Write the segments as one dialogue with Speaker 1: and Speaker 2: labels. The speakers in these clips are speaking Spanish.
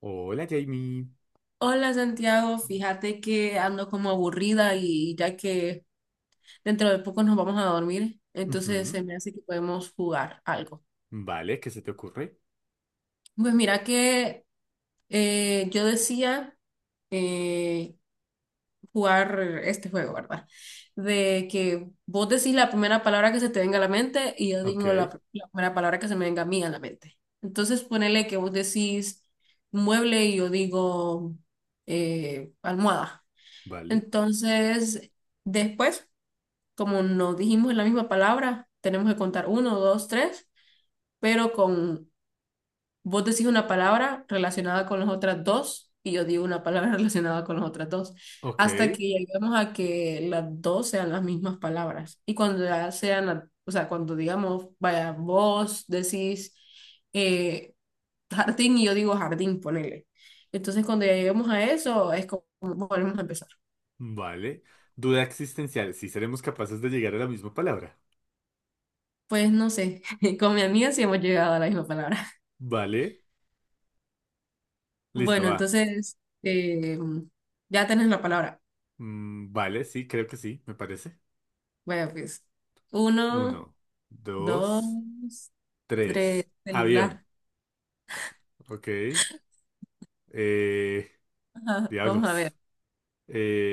Speaker 1: Hola, Jamie.
Speaker 2: Hola Santiago, fíjate que ando como aburrida y ya que dentro de poco nos vamos a dormir, entonces
Speaker 1: Ujú.
Speaker 2: se me hace que podemos jugar algo.
Speaker 1: Vale, ¿qué se te ocurre?
Speaker 2: Pues mira que yo decía eh, jugar este juego, ¿verdad? De que vos decís la primera palabra que se te venga a la mente y yo
Speaker 1: Ok,
Speaker 2: digo la primera palabra que se me venga a mí a la mente. Entonces ponele que vos decís mueble y yo digo almohada.
Speaker 1: vale,
Speaker 2: Entonces, después, como no dijimos la misma palabra, tenemos que contar uno, dos, tres, pero con vos decís una palabra relacionada con las otras dos y yo digo una palabra relacionada con las otras dos,
Speaker 1: ok,
Speaker 2: hasta que lleguemos a que las dos sean las mismas palabras. Y cuando ya sean, o sea, cuando digamos, vaya, vos decís eh, jardín y yo digo jardín, ponele. Entonces, cuando ya lleguemos a eso, es como volvemos a empezar.
Speaker 1: vale. Duda existencial, si seremos capaces de llegar a la misma palabra.
Speaker 2: Pues no sé, con mi amiga sí hemos llegado a la misma palabra.
Speaker 1: Vale, listo,
Speaker 2: Bueno,
Speaker 1: va.
Speaker 2: entonces, eh, ya tenés la palabra.
Speaker 1: Mm, vale, sí, creo que sí, me parece.
Speaker 2: Bueno, pues, uno,
Speaker 1: Uno,
Speaker 2: dos,
Speaker 1: dos,
Speaker 2: tres,
Speaker 1: tres. Avión,
Speaker 2: celular.
Speaker 1: ok. Eh,
Speaker 2: Ajá, vamos a ver.
Speaker 1: diablos.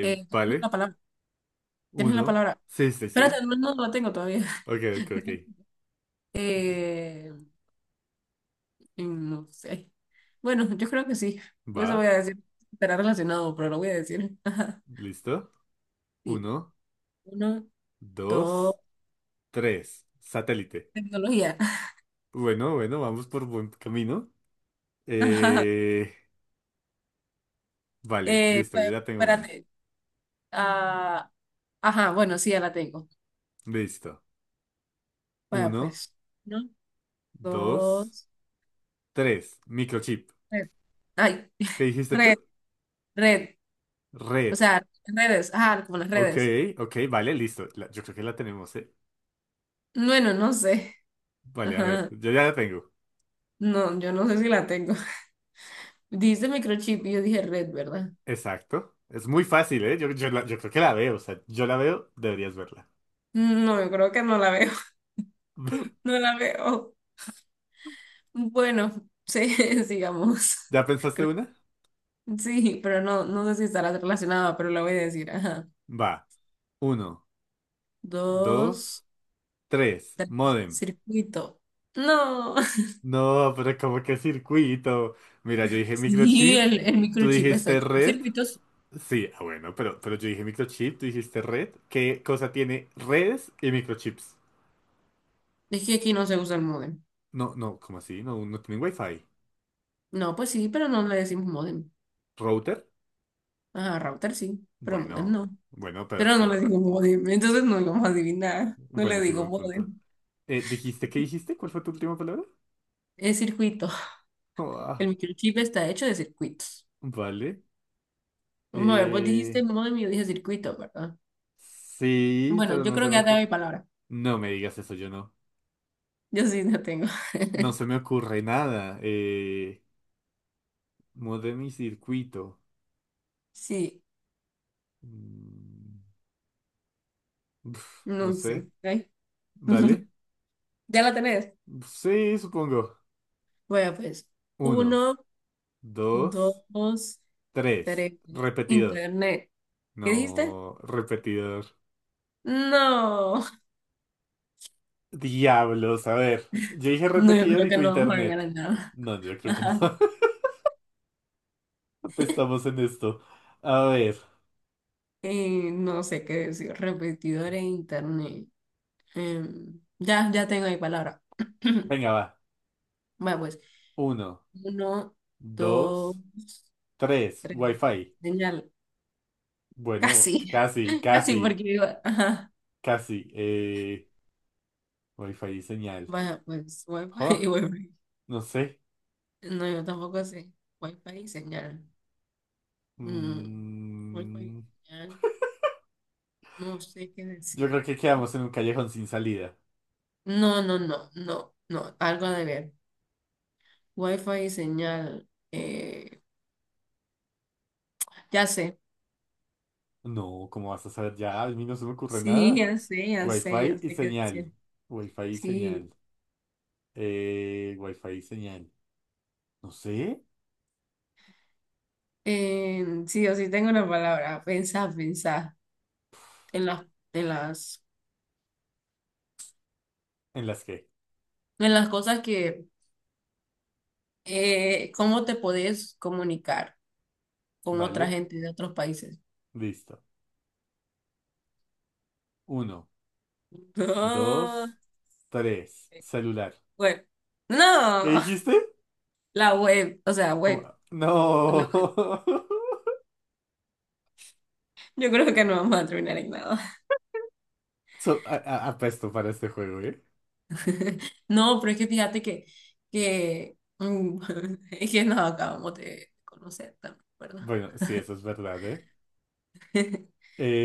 Speaker 2: ¿Tienes la
Speaker 1: vale,
Speaker 2: palabra? ¿Tienes la
Speaker 1: uno.
Speaker 2: palabra?
Speaker 1: Sí, sí, sí.
Speaker 2: Espérate, no, no la tengo todavía.
Speaker 1: Ok, ok, ok.
Speaker 2: Eh, no sé. Bueno, yo creo que sí.
Speaker 1: Va,
Speaker 2: Eso voy a decir. Estará relacionado, pero lo voy a decir. Ajá,
Speaker 1: listo.
Speaker 2: sí.
Speaker 1: Uno,
Speaker 2: Uno, dos,
Speaker 1: dos. Tres, satélite.
Speaker 2: tecnología.
Speaker 1: Bueno, bueno, vamos por buen camino.
Speaker 2: Ajá.
Speaker 1: Eh, vale, listo, yo ya tengo una.
Speaker 2: Espérate, ah, ajá, bueno, sí, ya la tengo.
Speaker 1: Listo.
Speaker 2: Vaya,
Speaker 1: Uno,
Speaker 2: pues. Uno,
Speaker 1: dos,
Speaker 2: dos,
Speaker 1: tres, microchip.
Speaker 2: red. Ay,
Speaker 1: ¿Qué dijiste
Speaker 2: red,
Speaker 1: tú?
Speaker 2: red. O
Speaker 1: Red.
Speaker 2: sea, redes. Ajá, como las
Speaker 1: Ok,
Speaker 2: redes.
Speaker 1: ok, vale, listo. Yo creo que la tenemos, ¿eh?
Speaker 2: Bueno, no sé.
Speaker 1: Vale, a ver,
Speaker 2: Ajá.
Speaker 1: yo ya la tengo.
Speaker 2: No, yo no sé si la tengo. Dice microchip y yo dije red, ¿verdad?
Speaker 1: Exacto. Es muy fácil, ¿eh? Yo creo que la veo, o sea, yo la veo, deberías verla.
Speaker 2: No, yo creo que no la veo. No la veo. Bueno, sí, sigamos.
Speaker 1: ¿Ya pensaste
Speaker 2: Creo-
Speaker 1: una?
Speaker 2: Sí, pero no, no sé si estará relacionada, pero la voy a decir. Ajá.
Speaker 1: Va. Uno, dos,
Speaker 2: Dos,
Speaker 1: tres, modem.
Speaker 2: circuito. No.
Speaker 1: No, pero como que circuito. Mira, yo dije
Speaker 2: Sí,
Speaker 1: microchip,
Speaker 2: el
Speaker 1: tú
Speaker 2: microchip está
Speaker 1: dijiste
Speaker 2: hecho por
Speaker 1: red.
Speaker 2: circuitos.
Speaker 1: Sí, ah, bueno, pero yo dije microchip, tú dijiste red. ¿Qué cosa tiene redes y microchips?
Speaker 2: Es que aquí no se usa el módem.
Speaker 1: No, no, ¿cómo así? No, no tienen wifi.
Speaker 2: No, pues sí, pero no le decimos módem.
Speaker 1: ¿Router?
Speaker 2: Ajá, router sí, pero módem
Speaker 1: Bueno,
Speaker 2: no.
Speaker 1: bueno,
Speaker 2: Pero no le digo módem, entonces no lo vamos a adivinar. No le
Speaker 1: bueno, sí,
Speaker 2: digo
Speaker 1: buen punto.
Speaker 2: módem.
Speaker 1: ¿Dijiste qué dijiste? ¿Cuál fue tu última palabra?
Speaker 2: Es circuito.
Speaker 1: Oh,
Speaker 2: El
Speaker 1: ah,
Speaker 2: microchip está hecho de circuitos.
Speaker 1: vale.
Speaker 2: Vamos a ver, vos
Speaker 1: Eh,
Speaker 2: dijiste módem y yo dije circuito, ¿verdad?
Speaker 1: sí,
Speaker 2: Bueno,
Speaker 1: pero
Speaker 2: yo
Speaker 1: no se
Speaker 2: creo que
Speaker 1: me
Speaker 2: ya te doy
Speaker 1: ocurre.
Speaker 2: mi palabra.
Speaker 1: No me digas eso, yo no.
Speaker 2: Yo sí la tengo.
Speaker 1: No se me ocurre nada. Modem y circuito.
Speaker 2: Sí,
Speaker 1: Mm, uf, no
Speaker 2: no
Speaker 1: sé.
Speaker 2: sé. Ay.
Speaker 1: Dale.
Speaker 2: ¿Ya la tenés?
Speaker 1: Sí, supongo.
Speaker 2: Bueno, pues,
Speaker 1: Uno,
Speaker 2: uno,
Speaker 1: dos,
Speaker 2: dos,
Speaker 1: tres.
Speaker 2: tres.
Speaker 1: Repetidor.
Speaker 2: Internet. ¿Qué dijiste?
Speaker 1: No, repetidor.
Speaker 2: No,
Speaker 1: Diablos, a ver. Yo dije
Speaker 2: no, yo
Speaker 1: repetidor
Speaker 2: creo
Speaker 1: y
Speaker 2: que
Speaker 1: tu
Speaker 2: no vamos a llegar
Speaker 1: internet.
Speaker 2: a nada.
Speaker 1: No, yo creo que no.
Speaker 2: Ajá.
Speaker 1: Estamos en esto. A ver.
Speaker 2: No sé qué decir, repetidor e internet. Ya tengo mi palabra.
Speaker 1: Venga, va.
Speaker 2: Bueno, pues,
Speaker 1: Uno,
Speaker 2: uno, dos,
Speaker 1: dos, tres.
Speaker 2: tres.
Speaker 1: Wi-Fi.
Speaker 2: Señal,
Speaker 1: Bueno,
Speaker 2: casi,
Speaker 1: casi,
Speaker 2: casi
Speaker 1: casi,
Speaker 2: ajá.
Speaker 1: casi. Wi-Fi y señal.
Speaker 2: Bueno, pues,
Speaker 1: Jo,
Speaker 2: Wi-Fi y Wi-Fi.
Speaker 1: no sé.
Speaker 2: No, yo tampoco sé. Wifi y señal. Mm, fi y
Speaker 1: Mm,
Speaker 2: señal. No sé qué
Speaker 1: yo
Speaker 2: decir.
Speaker 1: creo que quedamos en un callejón sin salida.
Speaker 2: No, no, no, no, no, algo de ver. Wi-Fi y señal. Ya sé.
Speaker 1: No, ¿cómo vas a saber ya? A mí no se me ocurre
Speaker 2: Sí,
Speaker 1: nada.
Speaker 2: ya sé, ya sé,
Speaker 1: Wi-Fi
Speaker 2: ya
Speaker 1: y
Speaker 2: sé qué
Speaker 1: señal.
Speaker 2: decir.
Speaker 1: Wi-Fi y
Speaker 2: Sí.
Speaker 1: señal. Wi-Fi y señal. No sé.
Speaker 2: Sí, yo sí tengo una palabra. Pensar, pensar en las, en las,
Speaker 1: En las que.
Speaker 2: en las cosas que, cómo te podés comunicar con otra
Speaker 1: Vale.
Speaker 2: gente de otros países.
Speaker 1: Listo. Uno,
Speaker 2: No,
Speaker 1: dos, tres. Celular.
Speaker 2: web.
Speaker 1: ¿Qué
Speaker 2: No,
Speaker 1: dijiste?
Speaker 2: la web, o sea,
Speaker 1: ¿Cómo?
Speaker 2: web. La
Speaker 1: No.
Speaker 2: web. Yo creo que no vamos a terminar en nada.
Speaker 1: Apesto para este juego, ¿eh?
Speaker 2: No, pero es que fíjate que, es que nos acabamos de conocer también, ¿verdad?
Speaker 1: Bueno, sí, eso es verdad, ¿eh?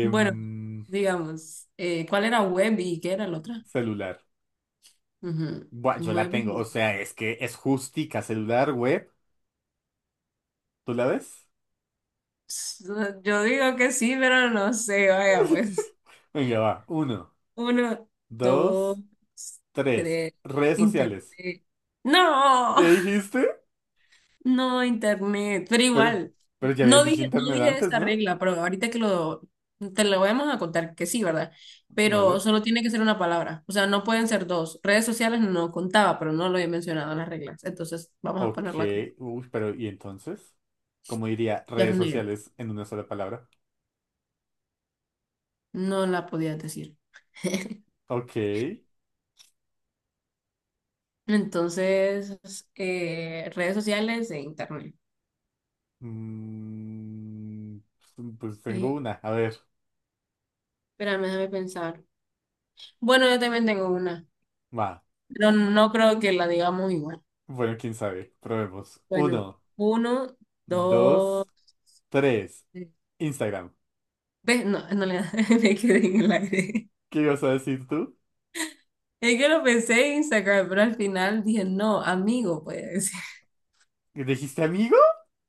Speaker 2: Bueno, digamos, ¿cuál era Webby y qué era la otra?
Speaker 1: Celular. Buah, yo
Speaker 2: Ujú,
Speaker 1: la tengo. O
Speaker 2: Webby.
Speaker 1: sea, es que es justica celular, web. ¿Tú la ves?
Speaker 2: No, yo digo que sí, pero no sé, vaya, pues.
Speaker 1: Venga, va. Uno,
Speaker 2: Uno, dos,
Speaker 1: dos, tres.
Speaker 2: tres,
Speaker 1: Redes
Speaker 2: internet.
Speaker 1: sociales.
Speaker 2: ¡No!
Speaker 1: ¿Qué dijiste?
Speaker 2: No, internet, pero
Speaker 1: Pero,
Speaker 2: igual,
Speaker 1: pero ya habías
Speaker 2: no
Speaker 1: dicho
Speaker 2: dije, no
Speaker 1: internet
Speaker 2: dije
Speaker 1: antes,
Speaker 2: esta
Speaker 1: ¿no?
Speaker 2: regla, pero ahorita que te lo vamos a contar que sí, ¿verdad? Pero
Speaker 1: Vale.
Speaker 2: solo tiene que ser una palabra, o sea, no pueden ser dos. Redes sociales no contaba, pero no lo he mencionado en las reglas, entonces vamos a
Speaker 1: Ok.
Speaker 2: ponerla como
Speaker 1: Uy, pero ¿y entonces? ¿Cómo diría redes
Speaker 2: internet.
Speaker 1: sociales en una sola palabra?
Speaker 2: No la podía decir.
Speaker 1: Ok.
Speaker 2: Entonces, redes sociales e internet.
Speaker 1: Mm, pues tengo
Speaker 2: Eh,
Speaker 1: una. A ver.
Speaker 2: espérame, déjame pensar. Bueno, yo también tengo una,
Speaker 1: Va.
Speaker 2: pero no creo que la digamos igual.
Speaker 1: Bueno, quién sabe. Probemos.
Speaker 2: Bueno,
Speaker 1: Uno,
Speaker 2: uno,
Speaker 1: dos,
Speaker 2: dos.
Speaker 1: tres. Instagram.
Speaker 2: Ves no, en realidad me quedé en el aire.
Speaker 1: ¿Qué ibas a decir tú?
Speaker 2: Es que lo pensé en Instagram, pero al final dije, no, amigo, voy a decir.
Speaker 1: ¿Dijiste amigo?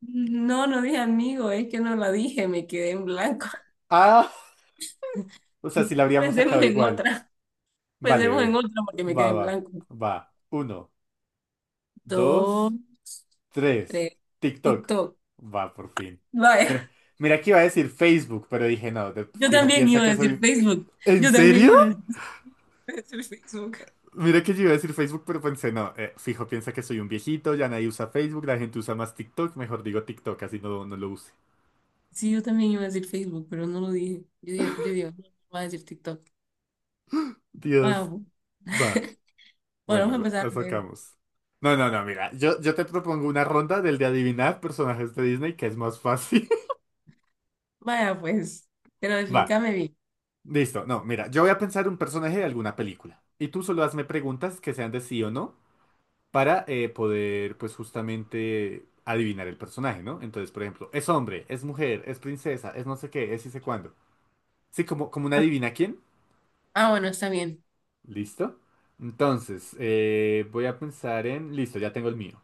Speaker 2: No, no dije amigo, es que no la dije, me quedé en blanco.
Speaker 1: Ah, o sea, si la habríamos
Speaker 2: Pensemos
Speaker 1: sacado
Speaker 2: en
Speaker 1: igual.
Speaker 2: otra,
Speaker 1: Vale,
Speaker 2: pensemos en
Speaker 1: ve.
Speaker 2: otra porque me quedé
Speaker 1: Va,
Speaker 2: en
Speaker 1: va,
Speaker 2: blanco.
Speaker 1: va. Uno,
Speaker 2: Dos,
Speaker 1: dos, tres.
Speaker 2: tres,
Speaker 1: TikTok.
Speaker 2: TikTok.
Speaker 1: Va, por fin.
Speaker 2: Vaya,
Speaker 1: Mira, mira que iba a decir Facebook, pero dije no,
Speaker 2: yo
Speaker 1: fijo,
Speaker 2: también
Speaker 1: piensa
Speaker 2: iba a
Speaker 1: que
Speaker 2: decir
Speaker 1: soy...
Speaker 2: Facebook.
Speaker 1: ¿En
Speaker 2: Yo también
Speaker 1: serio?
Speaker 2: iba a decir Facebook.
Speaker 1: Mira que yo iba a decir Facebook, pero pensé no, fijo, piensa que soy un viejito, ya nadie usa Facebook, la gente usa más TikTok, mejor digo TikTok, así no, no lo use.
Speaker 2: Sí, yo también iba a decir Facebook, pero no lo dije. Yo digo, no voy a decir TikTok.
Speaker 1: Dios,
Speaker 2: Wow.
Speaker 1: va.
Speaker 2: Bueno,
Speaker 1: Bueno,
Speaker 2: vamos a
Speaker 1: la,
Speaker 2: empezar
Speaker 1: la
Speaker 2: a ver.
Speaker 1: sacamos. No, no, no, mira, yo te propongo una ronda del de adivinar personajes de Disney que es más fácil.
Speaker 2: Vaya, pues, pero
Speaker 1: Va,
Speaker 2: explícame bien.
Speaker 1: listo. No, mira, yo voy a pensar un personaje de alguna película. Y tú solo hazme preguntas que sean de sí o no para poder, pues justamente, adivinar el personaje, ¿no? Entonces, por ejemplo, ¿es hombre? ¿Es mujer? ¿Es princesa? ¿Es no sé qué? ¿Es y sé cuándo? Sí, como una
Speaker 2: Ah,
Speaker 1: adivina quién.
Speaker 2: Ah, bueno, está bien.
Speaker 1: Listo. Entonces, voy a pensar en... Listo, ya tengo el mío.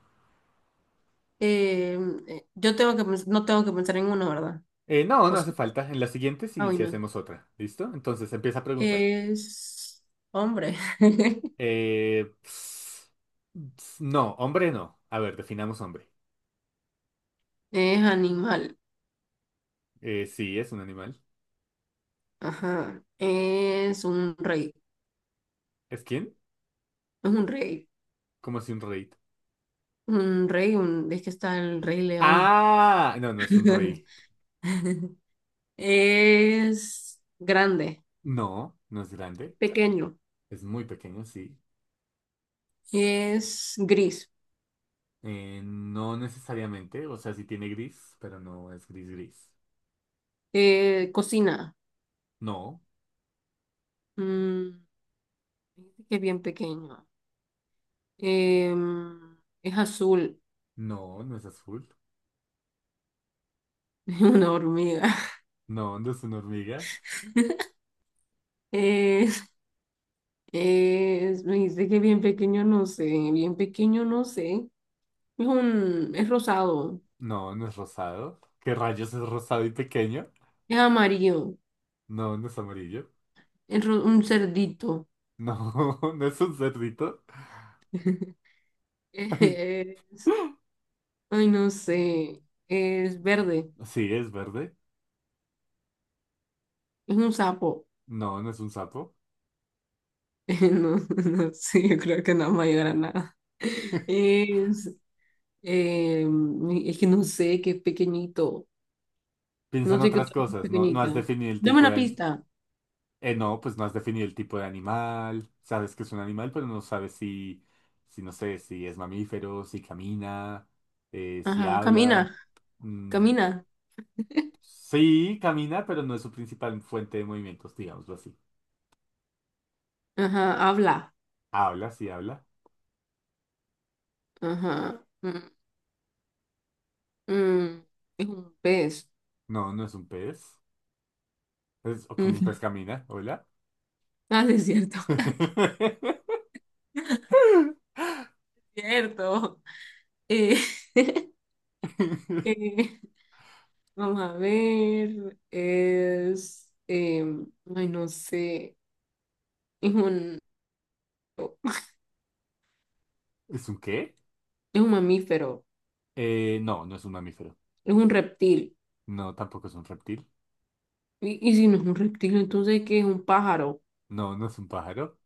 Speaker 2: Eh, yo no tengo que pensar en uno, ¿verdad?
Speaker 1: No,
Speaker 2: O
Speaker 1: no hace
Speaker 2: sí.
Speaker 1: falta. En la siguiente
Speaker 2: Ah,
Speaker 1: sí, sí
Speaker 2: bueno.
Speaker 1: hacemos otra. ¿Listo? Entonces empieza a preguntar.
Speaker 2: Es hombre.
Speaker 1: Eh, ps- no, hombre no. A ver, definamos hombre.
Speaker 2: Es animal.
Speaker 1: Sí, es un animal.
Speaker 2: Ajá. Es un rey.
Speaker 1: ¿Es quién?
Speaker 2: Es un rey.
Speaker 1: ¿Cómo así un rey?
Speaker 2: Un rey, un, es que está el rey león.
Speaker 1: Ah, no, no es un rey.
Speaker 2: Es grande.
Speaker 1: No, no es grande.
Speaker 2: Pequeño.
Speaker 1: Es muy pequeño, sí.
Speaker 2: Es gris.
Speaker 1: No necesariamente. O sea, sí tiene gris, pero no es gris gris.
Speaker 2: Cocina.
Speaker 1: No,
Speaker 2: Mm, que bien pequeño. Es azul,
Speaker 1: no, no es azul.
Speaker 2: es una hormiga.
Speaker 1: No, no es una hormiga.
Speaker 2: Es, me dice que bien pequeño, no sé, bien pequeño, no sé. Es rosado,
Speaker 1: No, no es rosado. ¿Qué rayos es rosado y pequeño?
Speaker 2: es amarillo,
Speaker 1: No, no es amarillo.
Speaker 2: un cerdito.
Speaker 1: No, no es un cerdito. Ay,
Speaker 2: Eh, ay, no sé, es verde,
Speaker 1: sí, es verde.
Speaker 2: es un sapo.
Speaker 1: No, no es un sapo.
Speaker 2: No, no sé, yo creo que no vamos a llegar a nada. Es, es que no sé, que es pequeñito.
Speaker 1: Piensa
Speaker 2: No
Speaker 1: en
Speaker 2: sé qué
Speaker 1: otras
Speaker 2: otra cosa es
Speaker 1: cosas. No, no
Speaker 2: pequeñita.
Speaker 1: has definido el
Speaker 2: Dame
Speaker 1: tipo
Speaker 2: una
Speaker 1: de...
Speaker 2: pista.
Speaker 1: No, pues no has definido el tipo de animal. Sabes que es un animal, pero no sabes si, no sé, si es mamífero, si camina, si
Speaker 2: Ajá,
Speaker 1: habla.
Speaker 2: camina,
Speaker 1: Mm,
Speaker 2: camina.
Speaker 1: sí, camina, pero no es su principal fuente de movimientos, digámoslo así.
Speaker 2: Ajá, habla.
Speaker 1: Habla, sí habla.
Speaker 2: Ajá. Mm, es un pez.
Speaker 1: No, no es un pez. Es o como un
Speaker 2: Mm,
Speaker 1: pez camina. Hola.
Speaker 2: ah, sí, es cierto. Cierto. Eh, eh, vamos a ver. Ay, no sé. Es un. oh,
Speaker 1: ¿Es un qué?
Speaker 2: Es un mamífero.
Speaker 1: No, no es un mamífero.
Speaker 2: Es un reptil.
Speaker 1: No, tampoco es un reptil.
Speaker 2: Y si no es un reptil, entonces ¿qué es un pájaro?
Speaker 1: No, no es un pájaro.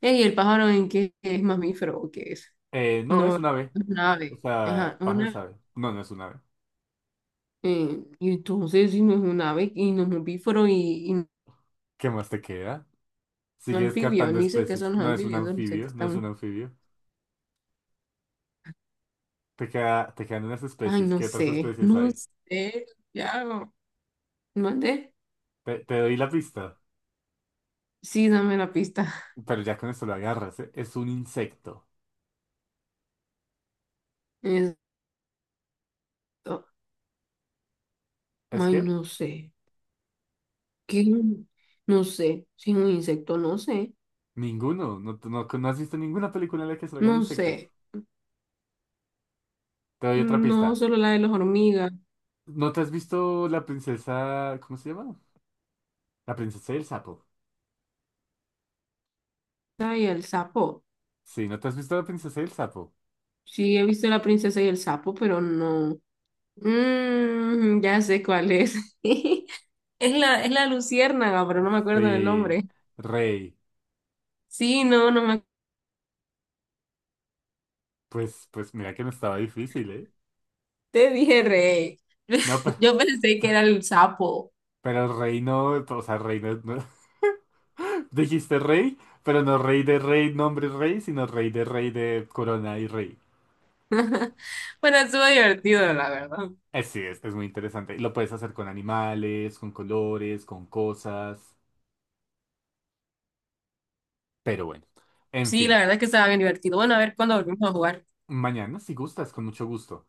Speaker 2: Ey, ¿el pájaro en qué es mamífero o qué es?
Speaker 1: No, es
Speaker 2: No, es
Speaker 1: un ave.
Speaker 2: un
Speaker 1: O
Speaker 2: ave.
Speaker 1: sea,
Speaker 2: Ajá,
Speaker 1: pájaro es
Speaker 2: una.
Speaker 1: ave. No, no es un ave.
Speaker 2: Y entonces, si no es un ave, y no es un bíforo, y, no es
Speaker 1: ¿Qué más te queda?
Speaker 2: un
Speaker 1: Sigue
Speaker 2: anfibio,
Speaker 1: descartando
Speaker 2: ni sé qué son
Speaker 1: especies.
Speaker 2: los
Speaker 1: No es un
Speaker 2: anfibios, solo sé que
Speaker 1: anfibio, no es
Speaker 2: están.
Speaker 1: un anfibio. Te queda, te quedan unas
Speaker 2: Ay,
Speaker 1: especies.
Speaker 2: no
Speaker 1: ¿Qué otras
Speaker 2: sé,
Speaker 1: especies
Speaker 2: no
Speaker 1: hay?
Speaker 2: sé, ya. ¿Mandé?
Speaker 1: Te doy la pista.
Speaker 2: Sí, dame la pista.
Speaker 1: Pero ya con esto lo agarras, ¿eh? Es un insecto.
Speaker 2: Esto.
Speaker 1: ¿Es
Speaker 2: Ay,
Speaker 1: que?
Speaker 2: no sé. ¿Qué? No sé. Si es un insecto, no sé.
Speaker 1: Ninguno. No, no, no has visto ninguna película en la que salgan
Speaker 2: No
Speaker 1: insectos.
Speaker 2: sé.
Speaker 1: Te doy otra
Speaker 2: No,
Speaker 1: pista.
Speaker 2: solo la de las hormigas.
Speaker 1: ¿No te has visto la princesa... ¿Cómo se llama? La princesa y el sapo.
Speaker 2: Ay, el sapo.
Speaker 1: Sí, ¿no te has visto la princesa y el sapo?
Speaker 2: Sí, he visto la princesa y el sapo, pero no. Ya sé cuál es. Es la luciérnaga, pero no me acuerdo del
Speaker 1: Sí,
Speaker 2: nombre.
Speaker 1: Rey.
Speaker 2: Sí, no, no me.
Speaker 1: Pues mira que no estaba difícil, ¿eh?
Speaker 2: Te dije rey.
Speaker 1: No, pero,
Speaker 2: Yo pensé que era el sapo.
Speaker 1: pero Rey no, o sea, Rey no, Dijiste Rey, pero no Rey de Rey, nombre Rey, sino Rey de Corona y Rey.
Speaker 2: Bueno, estuvo divertido, la verdad.
Speaker 1: Sí, es, muy interesante. Lo puedes hacer con animales, con colores, con cosas. Pero bueno, en
Speaker 2: Sí, la
Speaker 1: fin.
Speaker 2: verdad es que estaba bien divertido. Bueno, a ver cuándo volvemos a jugar.
Speaker 1: Mañana si gustas, con mucho gusto.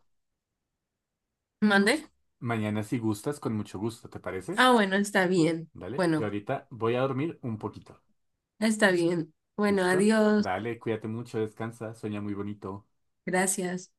Speaker 2: Mande.
Speaker 1: Mañana si gustas, con mucho gusto, ¿te parece?
Speaker 2: Ah, bueno, está bien.
Speaker 1: Dale, yo
Speaker 2: Bueno,
Speaker 1: ahorita voy a dormir un poquito.
Speaker 2: está bien. Bueno,
Speaker 1: ¿Listo?
Speaker 2: adiós.
Speaker 1: Dale, cuídate mucho, descansa, sueña muy bonito.
Speaker 2: Gracias.